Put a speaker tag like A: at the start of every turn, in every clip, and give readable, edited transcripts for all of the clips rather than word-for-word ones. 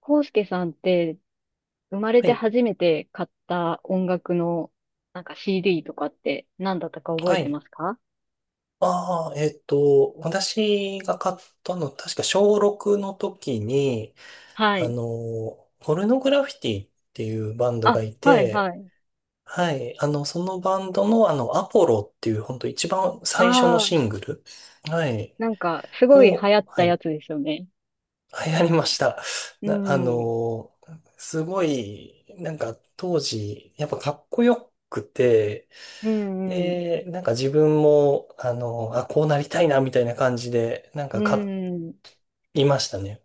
A: コウスケさんって生まれ
B: は
A: て
B: い。
A: 初めて買った音楽のなんか CD とかって何だったか覚え
B: は
A: て
B: い。
A: ますか？
B: ああ、私が買ったの、確か小6の時に、
A: はい。
B: ポルノグラフィティっていうバンドが
A: あ、
B: い
A: はい
B: て、
A: はい。
B: はい。そのバンドの、アポロっていう、本当一番最初の
A: ああ、
B: シングル、はい。
A: なんかすごい流
B: を、
A: 行っ
B: は
A: たや
B: い。
A: つですよね。
B: 流行
A: 結
B: りまし
A: 構。
B: た。
A: う
B: な、あ
A: ん。
B: の、すごい、なんか当時、やっぱかっこよくて、
A: うんうん。
B: で、なんか自分も、あ、こうなりたいな、みたいな感じで、なん
A: う
B: か買
A: ん。
B: いましたね。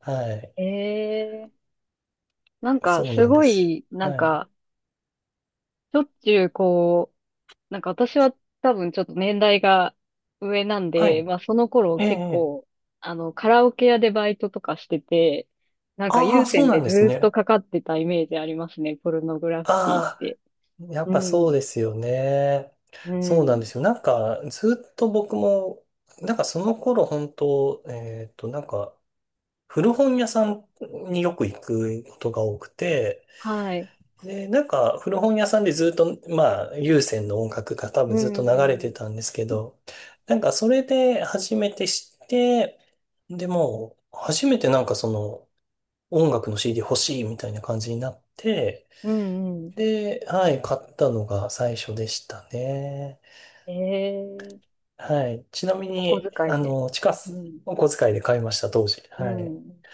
B: はい。
A: ええ、なんか
B: そう
A: す
B: なんで
A: ご
B: す
A: い、
B: よ。
A: なん
B: はい。
A: かしょっちゅうこう、なんか私は多分ちょっと年代が上なん
B: は
A: で、
B: い。
A: まあその頃
B: ええ、え
A: 結
B: え。
A: 構、あの、カラオケ屋でバイトとかしてて、なんか
B: あ
A: 有
B: あ、そう
A: 線
B: な
A: で
B: ん
A: ず
B: です
A: ーっと
B: ね。
A: かかってたイメージありますね、ポルノグラフィティっ
B: あ
A: て。
B: あ、やっ
A: う
B: ぱそうで
A: ん、
B: すよね。
A: う
B: そうなんで
A: ん、
B: すよ。なんか、ずっと僕も、なんかその頃、本当なんか、古本屋さんによく行くことが多くて、
A: はい。
B: で、なんか古本屋さんでずっと、まあ、有線の音楽が多
A: う
B: 分ずっと流れ
A: ん、う
B: て
A: ん、
B: たんですけど、なんかそれで初めて知って、でも、初めてなんかその音楽の CD 欲しいみたいな感じになって、
A: うん。
B: で、はい、買ったのが最初でしたね。
A: ええ、
B: はい。ちなみ
A: お小
B: に、
A: 遣いで。
B: ちか
A: う
B: さん、
A: ん、
B: お小遣いで買いました、当時。
A: う
B: はい。
A: ん。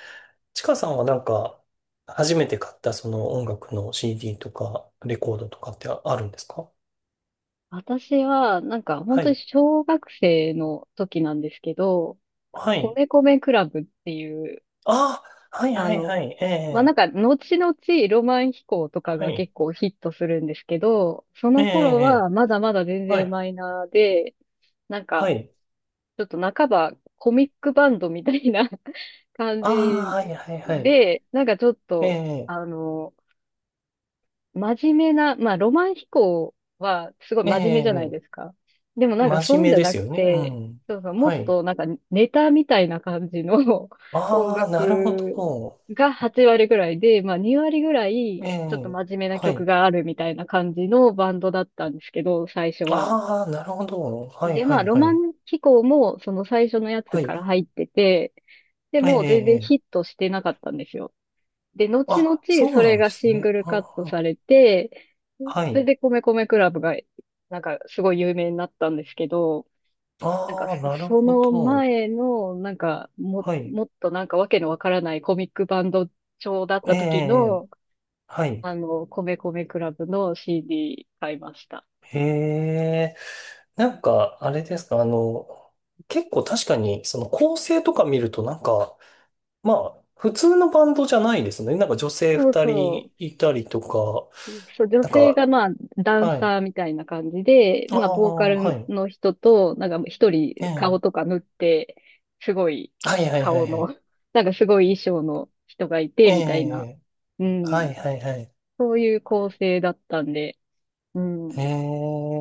B: ちかさんはなんか、初めて買ったその音楽の CD とか、レコードとかってあるんですか？
A: 私は、なんか本
B: は
A: 当に
B: い。
A: 小学生の時なんですけど、
B: はい。
A: 米米クラブっていう、
B: ああ、はい
A: あ
B: はいは
A: の、
B: い。え
A: まあ、なん
B: え、
A: か、後々ロマン飛行とか
B: は
A: が
B: い。
A: 結構ヒットするんですけど、そ
B: ええ、
A: の頃
B: え
A: は
B: え
A: まだまだ全
B: は
A: 然
B: い。
A: マイナーで、なん
B: は
A: か、
B: い。
A: ちょっと半ばコミックバンドみたいな 感
B: あ
A: じ
B: あ、はいはいはい。
A: で、なんかちょっ
B: え
A: と、
B: え、
A: あの、真面目な、まあ、ロマン飛行はすごい
B: え
A: 真面目じゃない
B: え、
A: ですか。でもなんかそ
B: 真
A: ういうん
B: 面目
A: じゃ
B: で
A: な
B: す
A: く
B: よね。う
A: て、
B: ん。
A: そうそう、も
B: は
A: っ
B: い。
A: となんかネタみたいな感じの 音
B: ああ、なるほ
A: 楽
B: ど。
A: が8割ぐらいで、まあ2割ぐらい
B: え
A: ちょっと
B: え、
A: 真面目な
B: は
A: 曲
B: い。
A: があるみたいな感じのバンドだったんですけど、最初は。
B: ああ、なるほど。はい
A: で、
B: は
A: まあ
B: い
A: ロ
B: は
A: マ
B: い。
A: ン飛行もその最初のやつ
B: は
A: か
B: い。
A: ら入ってて、で
B: え
A: も全
B: え、
A: 然ヒ
B: ええ
A: ットしてなかったんですよ。で、後々
B: あ、そ
A: そ
B: うな
A: れ
B: んで
A: が
B: す
A: シング
B: ね。
A: ル
B: あ
A: カット
B: あ、
A: されて、
B: は
A: それ
B: い。
A: で米米クラブが、なんかすごい有名になったんですけど、なんか
B: ああ、
A: そ
B: なる
A: そ
B: ほ
A: の
B: ど。
A: 前の、なんかも、
B: はい。
A: もっとなんかわけのわからないコミックバンド調だった
B: え
A: 時
B: え、
A: の、
B: はい。
A: あの、米米クラブの CD 買いました。
B: へえ。なんか、あれですか、結構確かに、その構成とか見ると、なんか、まあ、普通のバンドじゃないですね。なんか女性
A: そう
B: 二
A: そう。
B: 人いたりとか、
A: そう、女
B: なん
A: 性
B: か、
A: がまあ、ダン
B: はい。
A: サーみたいな感じで、
B: あ
A: まあ、
B: あ、
A: ボーカ
B: は
A: ル
B: い。
A: の人と、なんか一
B: え
A: 人顔
B: え。
A: とか塗って、すごい
B: はいはいは
A: 顔
B: いは
A: の、
B: い。
A: なんかすごい衣装の人がい
B: え
A: て、みたいな、
B: え。
A: う
B: は
A: ん、
B: いはいはい。
A: そういう構成だったんで、う
B: え
A: ん。
B: え。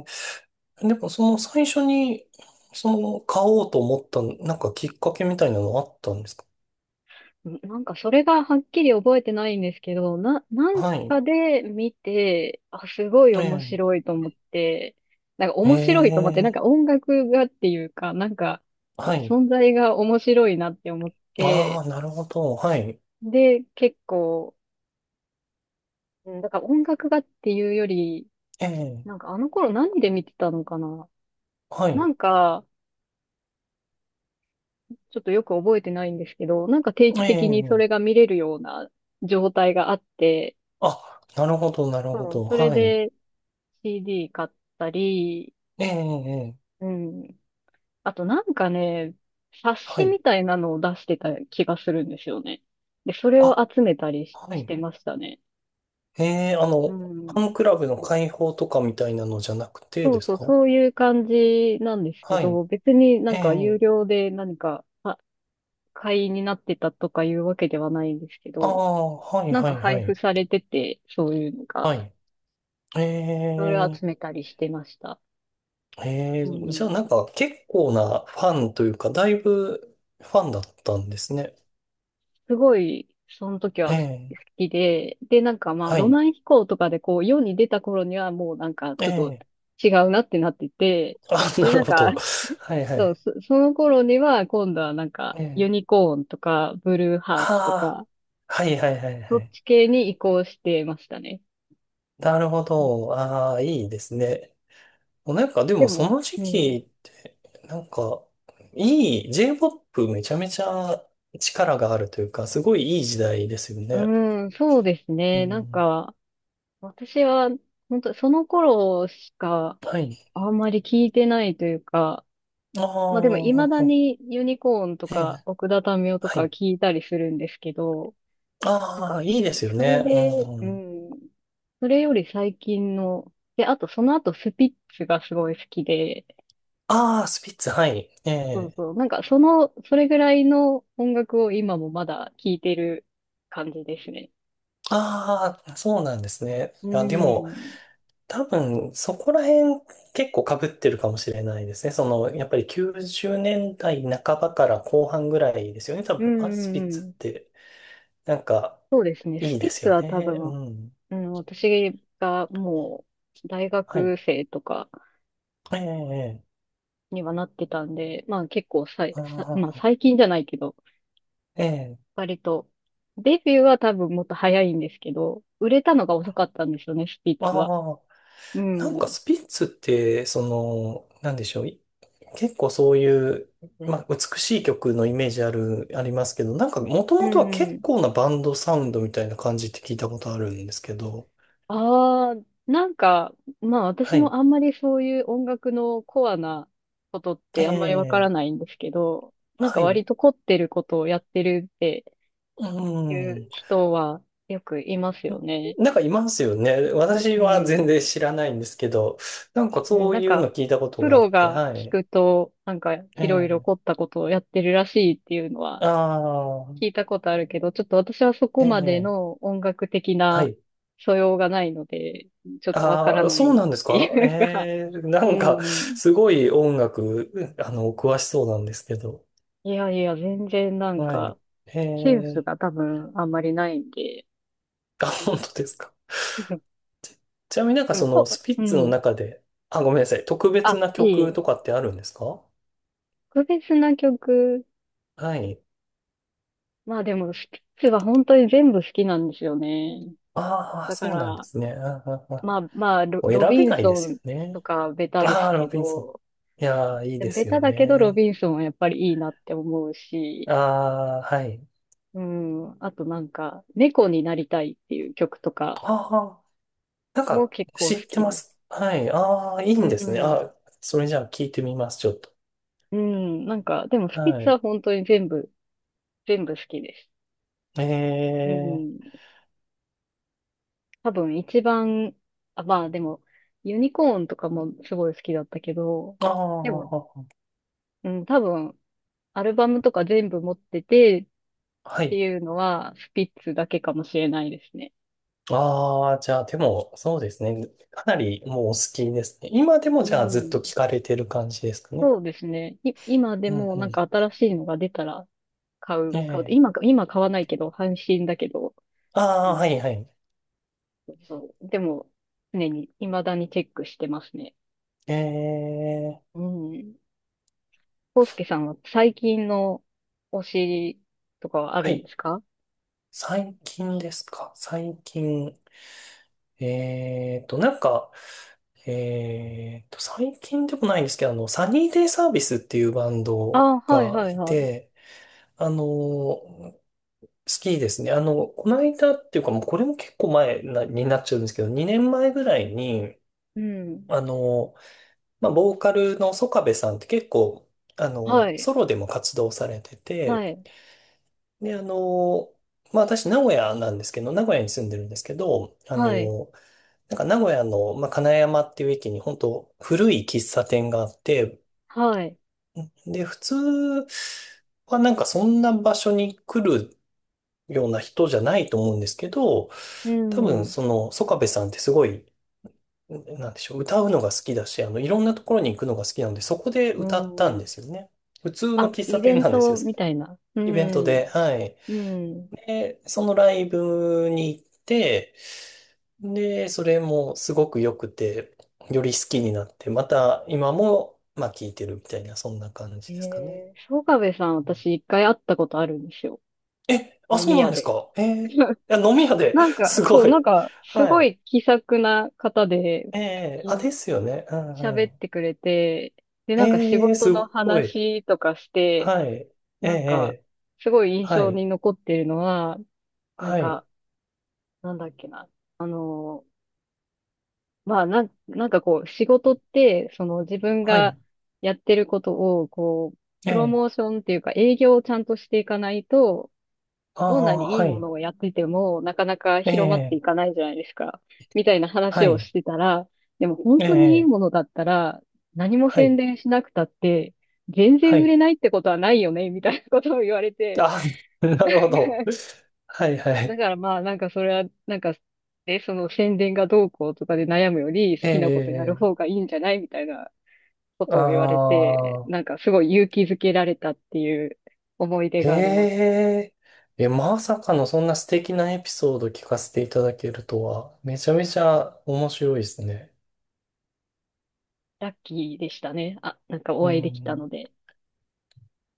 B: でも、その最初に、その、買おうと思った、なんかきっかけみたいなのあったんですか？
A: なんかそれがはっきり覚えてないんですけど、なん
B: はい。
A: かで見て、あ、すごい
B: え
A: 面
B: え。
A: 白いと思って、なんか
B: え
A: 面白いと思って、なんか
B: え。
A: 音楽がっていうか、なんか
B: はい。
A: 存在が面白いなって思っ
B: あ
A: て、
B: あ、なるほど。はい。
A: で、結構、うんだから音楽がっていうより、
B: ええ、
A: なんかあの頃何で見てたのかな？
B: は
A: な
B: い。
A: んか、ちょっとよく覚えてないんですけど、なんか定期
B: え
A: 的にそ
B: え、
A: れが見れるような状態があって、
B: あ、なるほど、なるほ
A: そう、
B: ど。
A: それ
B: はい。
A: で、CD 買ったり、
B: ええ、ええ
A: うん。あとなんかね、冊
B: は
A: 子
B: い。
A: みたいなのを出してた気がするんですよね。で、それを
B: あ、
A: 集めたりし、
B: は
A: し
B: い。
A: てましたね。
B: ええ、
A: う
B: ファ
A: ん。
B: ンクラブの会報とかみたいなのじゃなくて
A: そう
B: です
A: そう、
B: か？
A: そういう感じなんですけ
B: はい。
A: ど、別にな
B: え
A: んか有
B: え、
A: 料で何かあ会員になってたとかいうわけではないんですけ
B: あ
A: ど、
B: あ、はい、
A: なん
B: は
A: か
B: い、は
A: 配布
B: い。
A: されてて、そういうのが、
B: はい。え
A: それを
B: え、
A: 集めたりしてました。
B: ええ、
A: う
B: じゃあ
A: ん、
B: なんか結構なファンというか、だいぶファンだったんですね。
A: すごい、その時
B: え
A: は好
B: え、
A: きで、で、なんかまあ、
B: は
A: ロ
B: い。
A: マン飛行とかでこう、世に出た頃にはもうなんか、
B: え
A: ちょっと
B: え、
A: 違うなってなってて、
B: あ、
A: で、
B: な
A: な
B: る
A: ん
B: ほ
A: か、
B: ど。はい、はい。
A: その頃には今度はなんか、ユ
B: ええ
A: ニコーンとか、ブルーハ
B: あ
A: ーツとか、
B: あ、はいはいはいは
A: そっ
B: い。
A: ち系に移行してましたね。
B: なるほど。ああ、いいですね。もうなんかで
A: で
B: もその
A: も、
B: 時
A: うん。
B: 期って、なんか、いい、J-POP めちゃめちゃ力があるというか、すごいいい時代ですよ
A: う
B: ね。
A: ーん、そうです
B: う
A: ね。なん
B: ん。
A: か、私は、本当その頃しか、
B: はい。
A: あんまり聞いてないというか、
B: あ
A: まあでも未だ
B: あ、
A: にユニコーンと
B: え
A: か
B: え、
A: 奥田民生と
B: は
A: か
B: い。
A: 聞いたりするんですけど、なんか
B: ああ、
A: そ、
B: いいですよ
A: それ
B: ね。
A: で、
B: う
A: う
B: ん。
A: ん、それより最近の、で、あとその後スピッツがすごい好きで、
B: ああ、スピッツ、はい。え
A: そう
B: え。
A: そう、なんかその、それぐらいの音楽を今もまだ聞いてる感じですね。
B: ああ、そうなんですね。
A: う
B: いや、で
A: ん、う
B: も、
A: ん、
B: 多分、そこら辺結構被ってるかもしれないですね。その、やっぱり90年代半ばから後半ぐらいですよね。多
A: う
B: 分、アス
A: ん、
B: ピ
A: う
B: ッツっ
A: ん
B: て、なんか、
A: ですね。ス
B: いい
A: ピ
B: で
A: ッ
B: す
A: ツ
B: よ
A: は多
B: ね。
A: 分、
B: うん。
A: うん、私がもう大
B: はい。
A: 学生とか、
B: ええ、ええ、
A: にはなってたんで、まあ結構さい、
B: あ
A: さ、まあ
B: あ、
A: 最近じゃないけど、
B: ええ、
A: 割と、デビューは多分もっと早いんですけど、売れたのが遅かったんですよね、スピッ
B: あ
A: ツは。
B: あ。
A: う
B: なん
A: ん。う
B: か
A: ん
B: スピッツって、その、なんでしょう。結構そういう、まあ、美しい曲のイメージある、ありますけど、なんか、もと
A: う
B: もとは結
A: ん。
B: 構なバンドサウンドみたいな感じって聞いたことあるんですけど、
A: ああ、なんか、まあ私
B: は
A: も
B: い。
A: あんまりそういう音楽のコアなことってあんまりわから
B: え
A: な
B: え
A: いんですけど、なんか
B: はい。
A: 割と凝ってることをやってるって
B: う
A: いう
B: ん。
A: 人はよくいますよね。
B: なんかいますよね。私
A: う
B: は全
A: ん。
B: 然知らないんですけど、なんか
A: うん、
B: そう
A: なん
B: いう
A: か、
B: の聞いたこと
A: プ
B: があっ
A: ロ
B: て、
A: が
B: は
A: 聞
B: い。
A: くと、なんか、
B: え
A: いろいろ
B: え。
A: 凝ったことをやってるらしいっていうのは
B: あ
A: 聞い
B: あ、
A: たことあるけど、ちょっと私はそこ
B: え
A: まで
B: え。
A: の音楽的
B: は
A: な
B: い。
A: 素養がないので、ちょっとわから
B: ああ、
A: な
B: そう
A: いっ
B: なんです
A: て
B: か？
A: いうか、
B: ええ、
A: う
B: なんか、
A: ん。
B: すごい音楽、詳しそうなんですけど。
A: いやいや、全然なん
B: は
A: か、
B: い。え
A: センス
B: え。
A: が多分あんまりないんで、
B: あ、
A: うん、
B: 本当ですか？ちなみになんか
A: でも
B: その、
A: こ、
B: スピ
A: う
B: ッツの
A: ん。
B: 中で、あ、ごめんなさい。特別
A: あ、
B: な
A: い
B: 曲
A: い。
B: とかってあるんですか？
A: 特別な曲、
B: はい。
A: まあでも、スピッツは本当に全部好きなんですよね。
B: ああ、
A: だか
B: そうなんで
A: ら、
B: すね。うんうんうん
A: まあまあ、
B: もう
A: ロ
B: 選
A: ビ
B: べ
A: ン
B: ないで
A: ソン
B: すよ
A: と
B: ね。
A: かベタで
B: あ
A: す
B: あ、ロ
A: け
B: ビンソン。
A: ど、
B: いやー、いい
A: で
B: で
A: もベ
B: すよ
A: タだけどロ
B: ね。
A: ビンソンはやっぱりいいなって思うし、
B: ああ、はい。
A: うん、あとなんか、猫になりたいっていう曲とか
B: ああ、なん
A: も
B: か、
A: 結構
B: 知
A: 好
B: って
A: き
B: ま
A: です。
B: す。はい。ああ、いい
A: う
B: んですね。
A: ん、
B: あそれじゃあ聞いてみます、ちょっと。
A: うん、なんか、でもスピッ
B: は
A: ツ
B: い。
A: は本当に全部、全部好きです。
B: え
A: うん、
B: え
A: 多分一番、あ、まあでも、ユニコーンとかもすごい好きだったけど、
B: あ
A: でも、
B: あ、
A: うん、多分、アルバムとか全部持ってて、っ
B: は
A: て
B: い。
A: いうのは、スピッツだけかもしれないですね。
B: ああ、じゃあ、でも、そうですね。かなりもうお好きですね。今でも
A: う
B: じゃあずっと
A: ん。
B: 聞かれてる感じですかね。
A: そうですね。今で
B: うん
A: も
B: う
A: なんか
B: ん。
A: 新しいのが出たら買う、買う。
B: ええ
A: 今今買わないけど、半信だけど。
B: あ
A: う
B: あ、
A: ん。
B: はいはい。
A: そう。でも、常に、未だにチェックしてますね。
B: ええ
A: うん。康介さんは最近の推しとかはあ
B: は
A: るんで
B: い。
A: すか？
B: 最近ですか？最近。なんか、最近でもないんですけど、サニーデイサービスっていうバン
A: あ
B: ド
A: あ、はい
B: が
A: はい
B: い
A: はい。
B: て、好きですね。この間っていうか、もうこれも結構前なになっちゃうんですけど、2年前ぐらいに、
A: うん。
B: あの、まあ、ボーカルのソカベさんって結構、
A: はい。
B: ソロでも活動されてて、
A: はい。
B: で、まあ私、名古屋なんですけど、名古屋に住んでるんですけど、
A: はい。
B: なんか名古屋の、まあ、金山っていう駅に本当古い喫茶店があって、
A: はい。
B: で、普通はなんかそんな場所に来るような人じゃないと思うんですけど、
A: う
B: 多分
A: ん。
B: その、曽我部さんってすごい、なんでしょう、歌うのが好きだし、いろんなところに行くのが好きなので、そこで
A: う
B: 歌ったん
A: ん。
B: ですよね。普通の
A: あ、
B: 喫茶
A: イベ
B: 店
A: ン
B: なんですよ。
A: トみたいな。う
B: イベント
A: ん。
B: で、はい。
A: うん。
B: で、そのライブに行って、で、それもすごく良くて、より好きになって、また今も、まあ、聴いてるみたいな、そんな感じ
A: え
B: ですかね。
A: えー、曽我部さん、私一回会ったことあるんですよ。
B: え、あ、
A: 飲
B: そう
A: み
B: なん
A: 屋
B: です
A: で。
B: か？えー、い や、飲み屋で
A: なん か、
B: すご
A: そう、
B: い。
A: なんか、す
B: は
A: ご
B: い。
A: い気さくな方で、
B: え
A: 普
B: え
A: 通
B: あ、で
A: に
B: すよね。うんう
A: 喋っ
B: ん。
A: てくれて、で、なんか仕
B: ええ
A: 事
B: す
A: の
B: ごい。
A: 話とかして、
B: はい。え
A: なんか、
B: え
A: すごい印
B: は
A: 象
B: い。
A: に残ってるのは、なん
B: はい。
A: か、なんだっけな。あのーまあ、なんかこう、仕事って、その自分
B: は
A: が
B: い。
A: やってることを、こう、プロ
B: え
A: モー
B: え
A: ションっていうか営業をちゃんとしていかないと、
B: あ
A: どんな
B: あ、
A: にいい
B: は
A: も
B: い。
A: のをやってても、なかなか
B: え
A: 広まってい
B: え
A: かないじゃないですか。みたいな
B: は
A: 話を
B: い。
A: してたら、でも本当にいい
B: ええ
A: ものだったら、何も
B: は
A: 宣
B: い。
A: 伝しなくたって、全
B: は
A: 然売
B: い。
A: れないってことはないよね、みたいなことを言われて。
B: あ、なるほど。はいは
A: だ
B: い。
A: からまあ、なんかそれは、なんか、で、その宣伝がどうこうとかで悩むより、好
B: え
A: きなことやる
B: え、
A: 方がいいんじゃないみたいなこ
B: あ
A: とを言われて、
B: あ、
A: なんかすごい勇気づけられたっていう思い出
B: え
A: があります。
B: え、え、まさかのそんな素敵なエピソード聞かせていただけるとは、めちゃめちゃ面白いですね。
A: ラッキーでしたね。あ、なんか
B: う
A: お会いできた
B: ん。
A: ので。